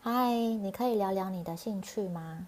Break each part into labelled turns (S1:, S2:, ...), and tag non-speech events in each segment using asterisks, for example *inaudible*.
S1: 嗨，你可以聊聊你的兴趣吗？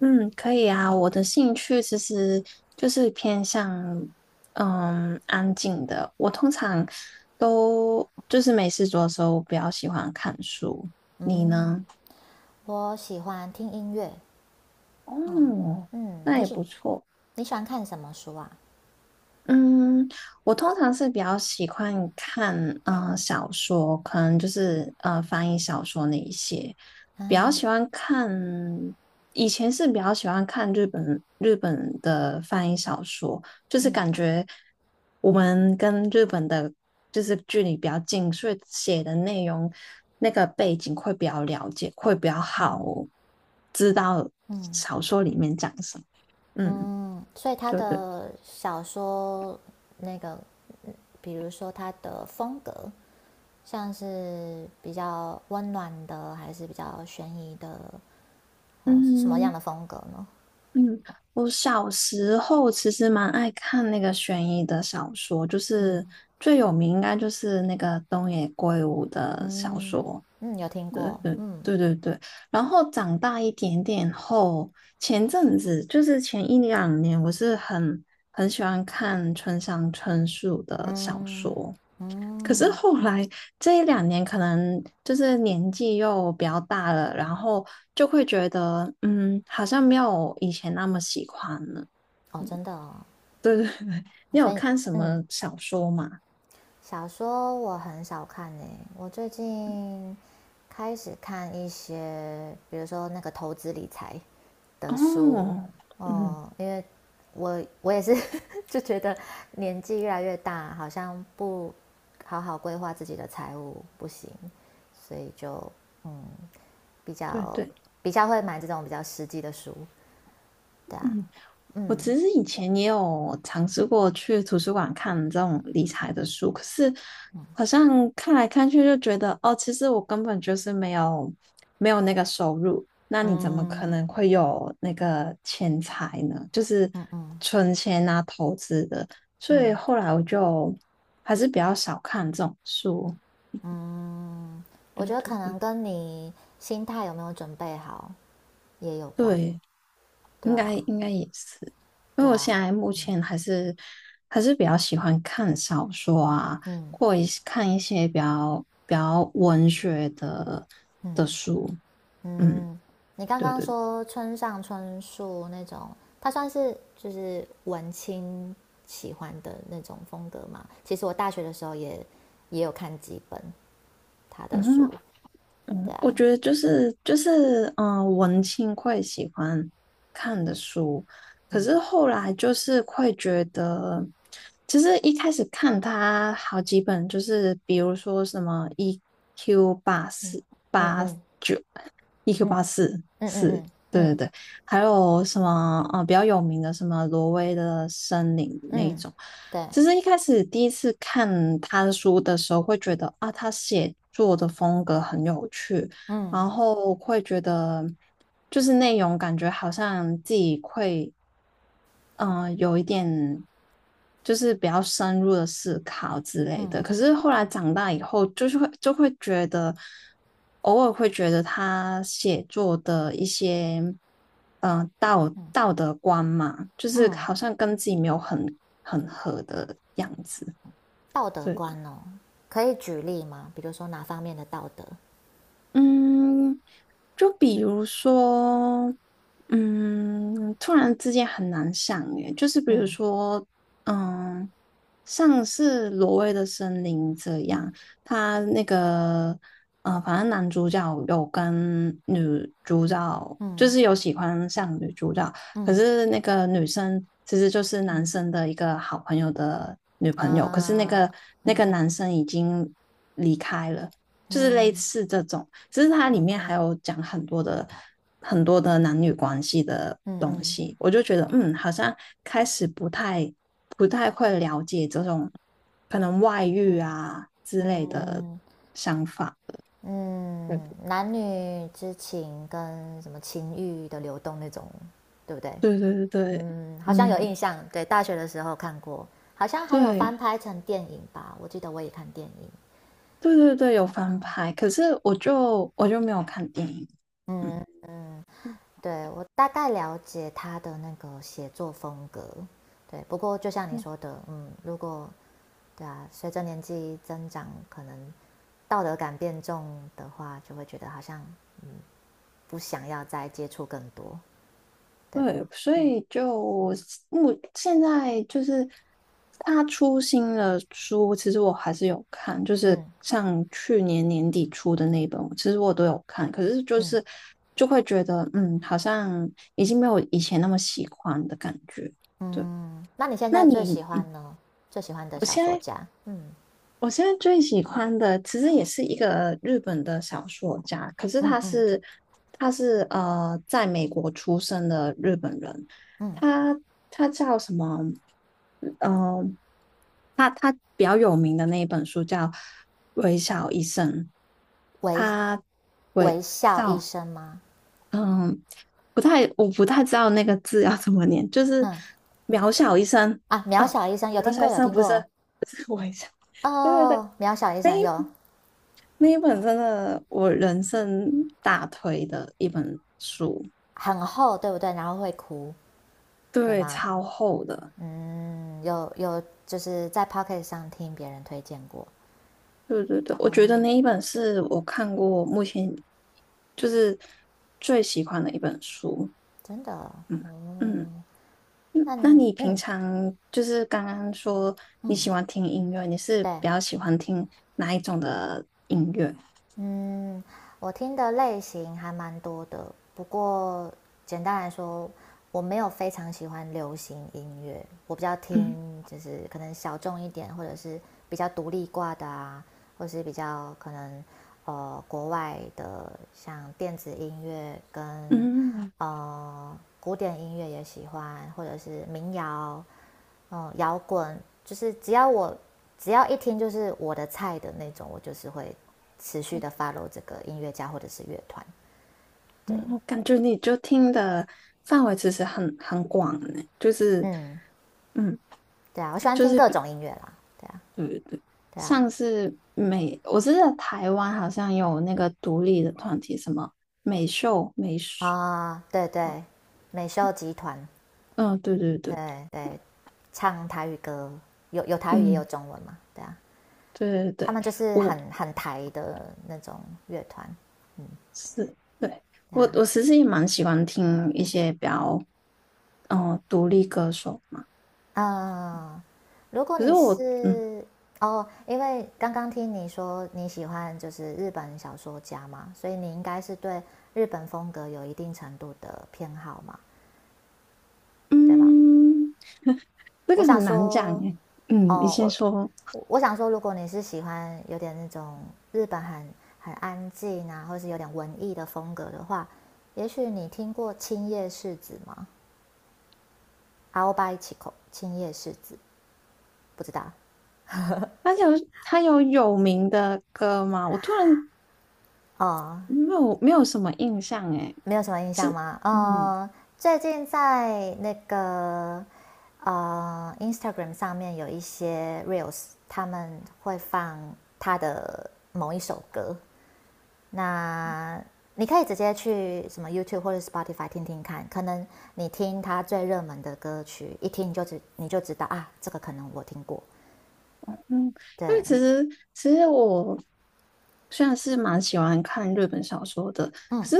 S2: 嗯，可以啊。我的兴趣其实就是偏向安静的。我通常都就是没事做的时候，比较喜欢看书。你
S1: 嗯，
S2: 呢？
S1: 我喜欢听音乐。
S2: 哦，
S1: 嗯，
S2: 那
S1: 你
S2: 也
S1: 喜
S2: 不错。
S1: 你喜欢看什么书啊？
S2: 嗯，我通常是比较喜欢看小说，可能就是翻译小说那一些，比较
S1: 嗯
S2: 喜欢看。以前是比较喜欢看日本的翻译小说，就是
S1: 嗯
S2: 感觉我们跟日本的就是距离比较近，所以写的内容那个背景会比较了解，会比较好
S1: 嗯
S2: 知道
S1: 嗯
S2: 小说里面讲什么。嗯，
S1: 嗯，所以他
S2: 对对，
S1: 的小说那个，比如说他的风格，像是比较温暖的，还是比较悬疑的，哦，是什么样
S2: 嗯。
S1: 的风格呢？
S2: 嗯，我小时候其实蛮爱看那个悬疑的小说，就
S1: 嗯
S2: 是最有名应该就是那个东野圭吾的小
S1: 嗯
S2: 说，
S1: 嗯，有听
S2: 对
S1: 过。
S2: 对
S1: 嗯
S2: 对对对。然后长大一点点后，前阵子就是前一两年，我是很喜欢看村上春树的小
S1: 嗯
S2: 说。可是
S1: 嗯，
S2: 后来这一两年，可能就是年纪又比较大了，然后就会觉得，嗯，好像没有以前那么喜欢了。
S1: 哦，真的哦，
S2: *laughs* 对对对，你有
S1: 所以
S2: 看什
S1: 嗯。
S2: 么小说吗？
S1: 小说我很少看呢，我最近开始看一些，比如说那个投资理财的书，
S2: 哦，嗯，
S1: 因为我也是 *laughs* 就觉得年纪越来越大，好像不好好规划自己的财务不行，所以就嗯比
S2: 对
S1: 较
S2: 对，
S1: 比较会买这种比较实际的书，对啊，
S2: 嗯。我其
S1: 嗯
S2: 实以前也有尝试过去图书馆看这种理财的书，可是好像看来看去就觉得，哦，其实我根本就是没有那个收入，那你怎么可
S1: 嗯
S2: 能会有那个钱财呢？就是
S1: 嗯嗯嗯，嗯
S2: 存钱啊、投资的，所以
S1: 嗯
S2: 后来我就还是比较少看这种书。
S1: 嗯，我
S2: 对
S1: 觉得
S2: 对
S1: 可能
S2: 对
S1: 跟你心态有没有准备好也有关。
S2: 对。
S1: 对
S2: 应该
S1: 啊，
S2: 应该也是，因
S1: 对
S2: 为我
S1: 啊，
S2: 现在目前还是比较喜欢看小说啊，
S1: 嗯
S2: 或一些看一些比较文学的
S1: 嗯
S2: 书。嗯，
S1: 嗯。你刚
S2: 对
S1: 刚
S2: 对对，
S1: 说村上春树那种，他算是就是文青喜欢的那种风格嘛？其实我大学的时候也有看几本他的
S2: 嗯
S1: 书。对
S2: 嗯，我
S1: 啊，
S2: 觉得就是文青会喜欢看的书，可
S1: 嗯
S2: 是后来就是会觉得，其实一开始看它好几本，就是比如说什么 EQ 八
S1: 嗯
S2: 四。
S1: 嗯嗯
S2: EQ
S1: 嗯
S2: 84
S1: 嗯嗯
S2: 是，
S1: 嗯
S2: 对对
S1: 嗯
S2: 对，还有什么啊？比较有名的什么挪威的森林那一
S1: 嗯，
S2: 种。
S1: 对，
S2: 其实一开始第一次看他的书的时候，会觉得啊，他写作的风格很有趣，
S1: 嗯
S2: 然后会觉得就是内容感觉好像自己会有一点就是比较深入的思考之类
S1: 嗯
S2: 的。可是后来长大以后，就是会就会觉得，偶尔会觉得他写作的一些道
S1: 嗯
S2: 道德观嘛，就是
S1: 嗯。
S2: 好像跟自己没有很合的样子。
S1: 道德
S2: 对，
S1: 观哦，可以举例吗？比如说哪方面的道德？
S2: 嗯，就比如说，嗯，突然之间很难想耶，就是比如
S1: 嗯
S2: 说，嗯，像是《挪威的森林》这样，
S1: 嗯
S2: 他那个，呃，反正男主角有跟女主角，就
S1: 嗯
S2: 是有喜欢上女主角，可
S1: 嗯
S2: 是那个女生其实就是男
S1: 嗯
S2: 生的一个好朋友的女朋友，可是那
S1: 啊
S2: 个那
S1: 嗯
S2: 个男
S1: 嗯
S2: 生已经离开了。就是类
S1: 嗯
S2: 似这种，只是它里
S1: ，OK，
S2: 面还
S1: 嗯
S2: 有讲很多的男女关系的东
S1: 嗯
S2: 西，我就觉得嗯，好像开始不太会了解这种可能外遇
S1: 嗯
S2: 啊之类的
S1: 嗯
S2: 想法。
S1: 嗯，
S2: 对
S1: 男女之情跟什么情欲的流动那种，对不对？
S2: 对对对对，
S1: 嗯，好像有
S2: 嗯，
S1: 印象，对，大学的时候看过，好像还有
S2: 对
S1: 翻拍成电影吧，我记得我也看电影。
S2: 对对对，有翻
S1: 嗯
S2: 拍，可是我就没有看电影。嗯
S1: 嗯嗯对我大概了解他的那个写作风格，对。不过就像你说的，嗯，如果对啊，随着年纪增长，可能道德感变重的话，就会觉得好像不想要再接触更多，对吧？
S2: 对，所
S1: 嗯
S2: 以就现在就是他出新的书，其实我还是有看，就是
S1: 嗯
S2: 像去年年底出的那一本，其实我都有看，可是就
S1: 嗯
S2: 是嗯嗯，好像已经没有以前那么喜欢的感觉。对，
S1: 嗯。那你现
S2: 那
S1: 在最
S2: 你
S1: 喜
S2: 嗯
S1: 欢呢？最喜欢的小说家？嗯
S2: 我现在最喜欢的其实也是一个日本的小说家，可是
S1: 嗯
S2: 他
S1: 嗯
S2: 是他是在美国出生的日本人，
S1: 嗯，
S2: 他他叫什么？嗯、他比较有名的那一本书叫《微笑医生》，
S1: 微
S2: 他微
S1: 微笑医
S2: 笑，
S1: 生吗？
S2: 嗯，不太，我不太知道那个字要怎么念，就是
S1: 嗯
S2: 渺小医生
S1: 啊，
S2: 哦，
S1: 渺小医生有
S2: 渺
S1: 听
S2: 小
S1: 过
S2: 医
S1: 有
S2: 生
S1: 听过
S2: 不是微笑，对对对，
S1: 哦，渺小医生有
S2: 那一本真的我人生大推的一本书，
S1: 很厚，对不对？然后会哭，对
S2: 对，
S1: 吗？
S2: 超厚的。
S1: 嗯，有有，就是在 Pocket 上听别人推荐过
S2: 对对对，我觉得
S1: 哦，
S2: 那一本是我看过目前就是最喜欢的一本书。
S1: 真的
S2: 嗯嗯，
S1: 哦，那
S2: 那
S1: 嗯
S2: 你平
S1: 嗯
S2: 常就是刚刚说你
S1: 嗯
S2: 喜欢听音乐，你是比
S1: 对，
S2: 较喜欢听哪一种的？
S1: 嗯，我听的类型还蛮多的，不过简单来说，我没有非常喜欢流行音乐，我比较
S2: 嗯
S1: 听就是可能小众一点，或者是比较独立挂的啊，或是比较可能国外的，像电子音乐跟
S2: 嗯
S1: 古典音乐也喜欢，或者是民谣，摇滚，就是只要一听就是我的菜的那种，我就是会持续的 follow 这个音乐家或者是乐团。对，
S2: 嗯，我感觉你就听的范围其实很广呢，就是
S1: 嗯，
S2: 嗯，
S1: 对啊，我喜欢
S2: 就
S1: 听
S2: 是
S1: 各种音乐啦。对啊，对啊，
S2: 像是我知道台湾好像有那个独立的团体，什么美秀、美术，
S1: 啊，哦对对，美秀集团，
S2: 嗯，对对对，
S1: 对对，唱台语歌，有有台语也有
S2: 嗯，
S1: 中文嘛，对啊，
S2: 对对
S1: 他
S2: 对，
S1: 们就是
S2: 我
S1: 很很台的那种乐团，
S2: 是对
S1: 对
S2: 我
S1: 啊，
S2: 我其实也蛮喜欢听一些比较独立歌手嘛，
S1: 嗯，如果
S2: 可是
S1: 你
S2: 我
S1: 是哦，因为刚刚听你说你喜欢就是日本小说家嘛，所以你应该是对日本风格有一定程度的偏好嘛，对吗？
S2: 嗯，这
S1: 我
S2: 个
S1: 想
S2: 很难讲
S1: 说，
S2: 诶，嗯，你
S1: 哦，
S2: 先
S1: 我
S2: 说，
S1: 我我想说，如果你是喜欢有点那种日本很很安静啊，或是有点文艺的风格的话，也许你听过青叶世子吗？阿欧巴伊奇口，青叶世子，不知道
S2: 他有有名的歌吗？我突然
S1: 哦，
S2: 没有什么印象诶，
S1: 没有什么印象
S2: 是
S1: 吗？
S2: 嗯。
S1: 最近在那个Instagram 上面有一些 Reels，他们会放他的某一首歌。那你可以直接去什么 YouTube 或者 Spotify 听听看，可能你听他最热门的歌曲，一听你就知道啊，这个可能我听过。
S2: 嗯，因
S1: 对，
S2: 为其实我虽然是蛮喜欢看日本小说的，可
S1: 嗯
S2: 是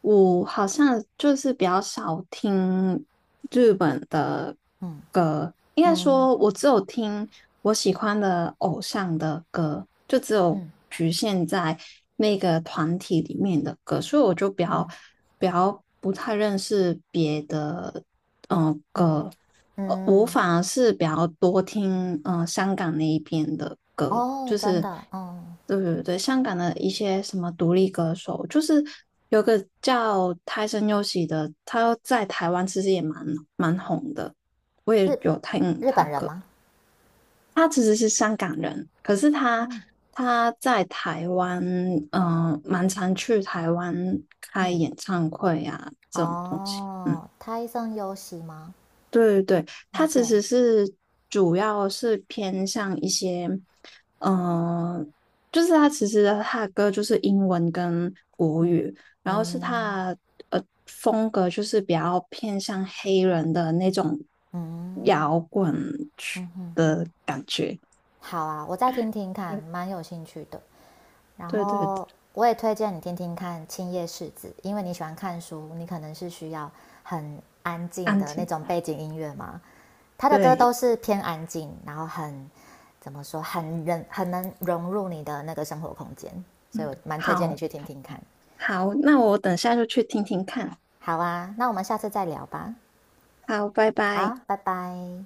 S2: 我好像就是比较少听日本的
S1: 嗯
S2: 歌，应该
S1: 嗯
S2: 说我只有听我喜欢的偶像的歌，就只
S1: 嗯
S2: 有
S1: 嗯
S2: 局限在那个团体里面的歌，所以我就比较
S1: 嗯
S2: 比较不太认识别的嗯，歌，
S1: 嗯，
S2: 呃，我
S1: 嗯
S2: 反而是比较多听嗯香港那一边的歌，
S1: 哦，
S2: 就
S1: 真
S2: 是
S1: 的，嗯，
S2: 对对对，香港的一些什么独立歌手，就是有个叫泰森优喜的，他在台湾其实也蛮红的，我
S1: 日
S2: 也有听
S1: 日
S2: 他
S1: 本人
S2: 歌。
S1: 吗？
S2: 他其实是香港人，可是他
S1: 嗯
S2: 他在台湾，蛮常去台湾开
S1: 嗯，
S2: 演唱会啊这种东西，嗯。
S1: 哦，胎生有喜吗
S2: 对对对，它其
S1: ？OK，
S2: 实是主要是偏向一些，嗯，就是它其实它的歌就是英文跟国
S1: 嗯
S2: 语，然后是
S1: 嗯
S2: 它的风格就是比较偏向黑人的那种
S1: 嗯
S2: 摇滚曲
S1: 嗯嗯
S2: 的
S1: 嗯，
S2: 感觉。
S1: 好啊，我再听听看，蛮有兴趣的。然
S2: 对对对，对
S1: 后我也推荐你听听看《青叶世子》，因为你喜欢看书，你可能是需要很安静
S2: 安
S1: 的那
S2: 静。
S1: 种背景音乐嘛。他的歌都
S2: 对，
S1: 是偏安静，然后怎么说，很能融入你的那个生活空间，所以
S2: 嗯，
S1: 我蛮推荐你
S2: 好
S1: 去听听看。
S2: 好，那我等下就去听听看。
S1: 好啊，那我们下次再聊吧。
S2: 好，拜拜。
S1: 好，拜拜。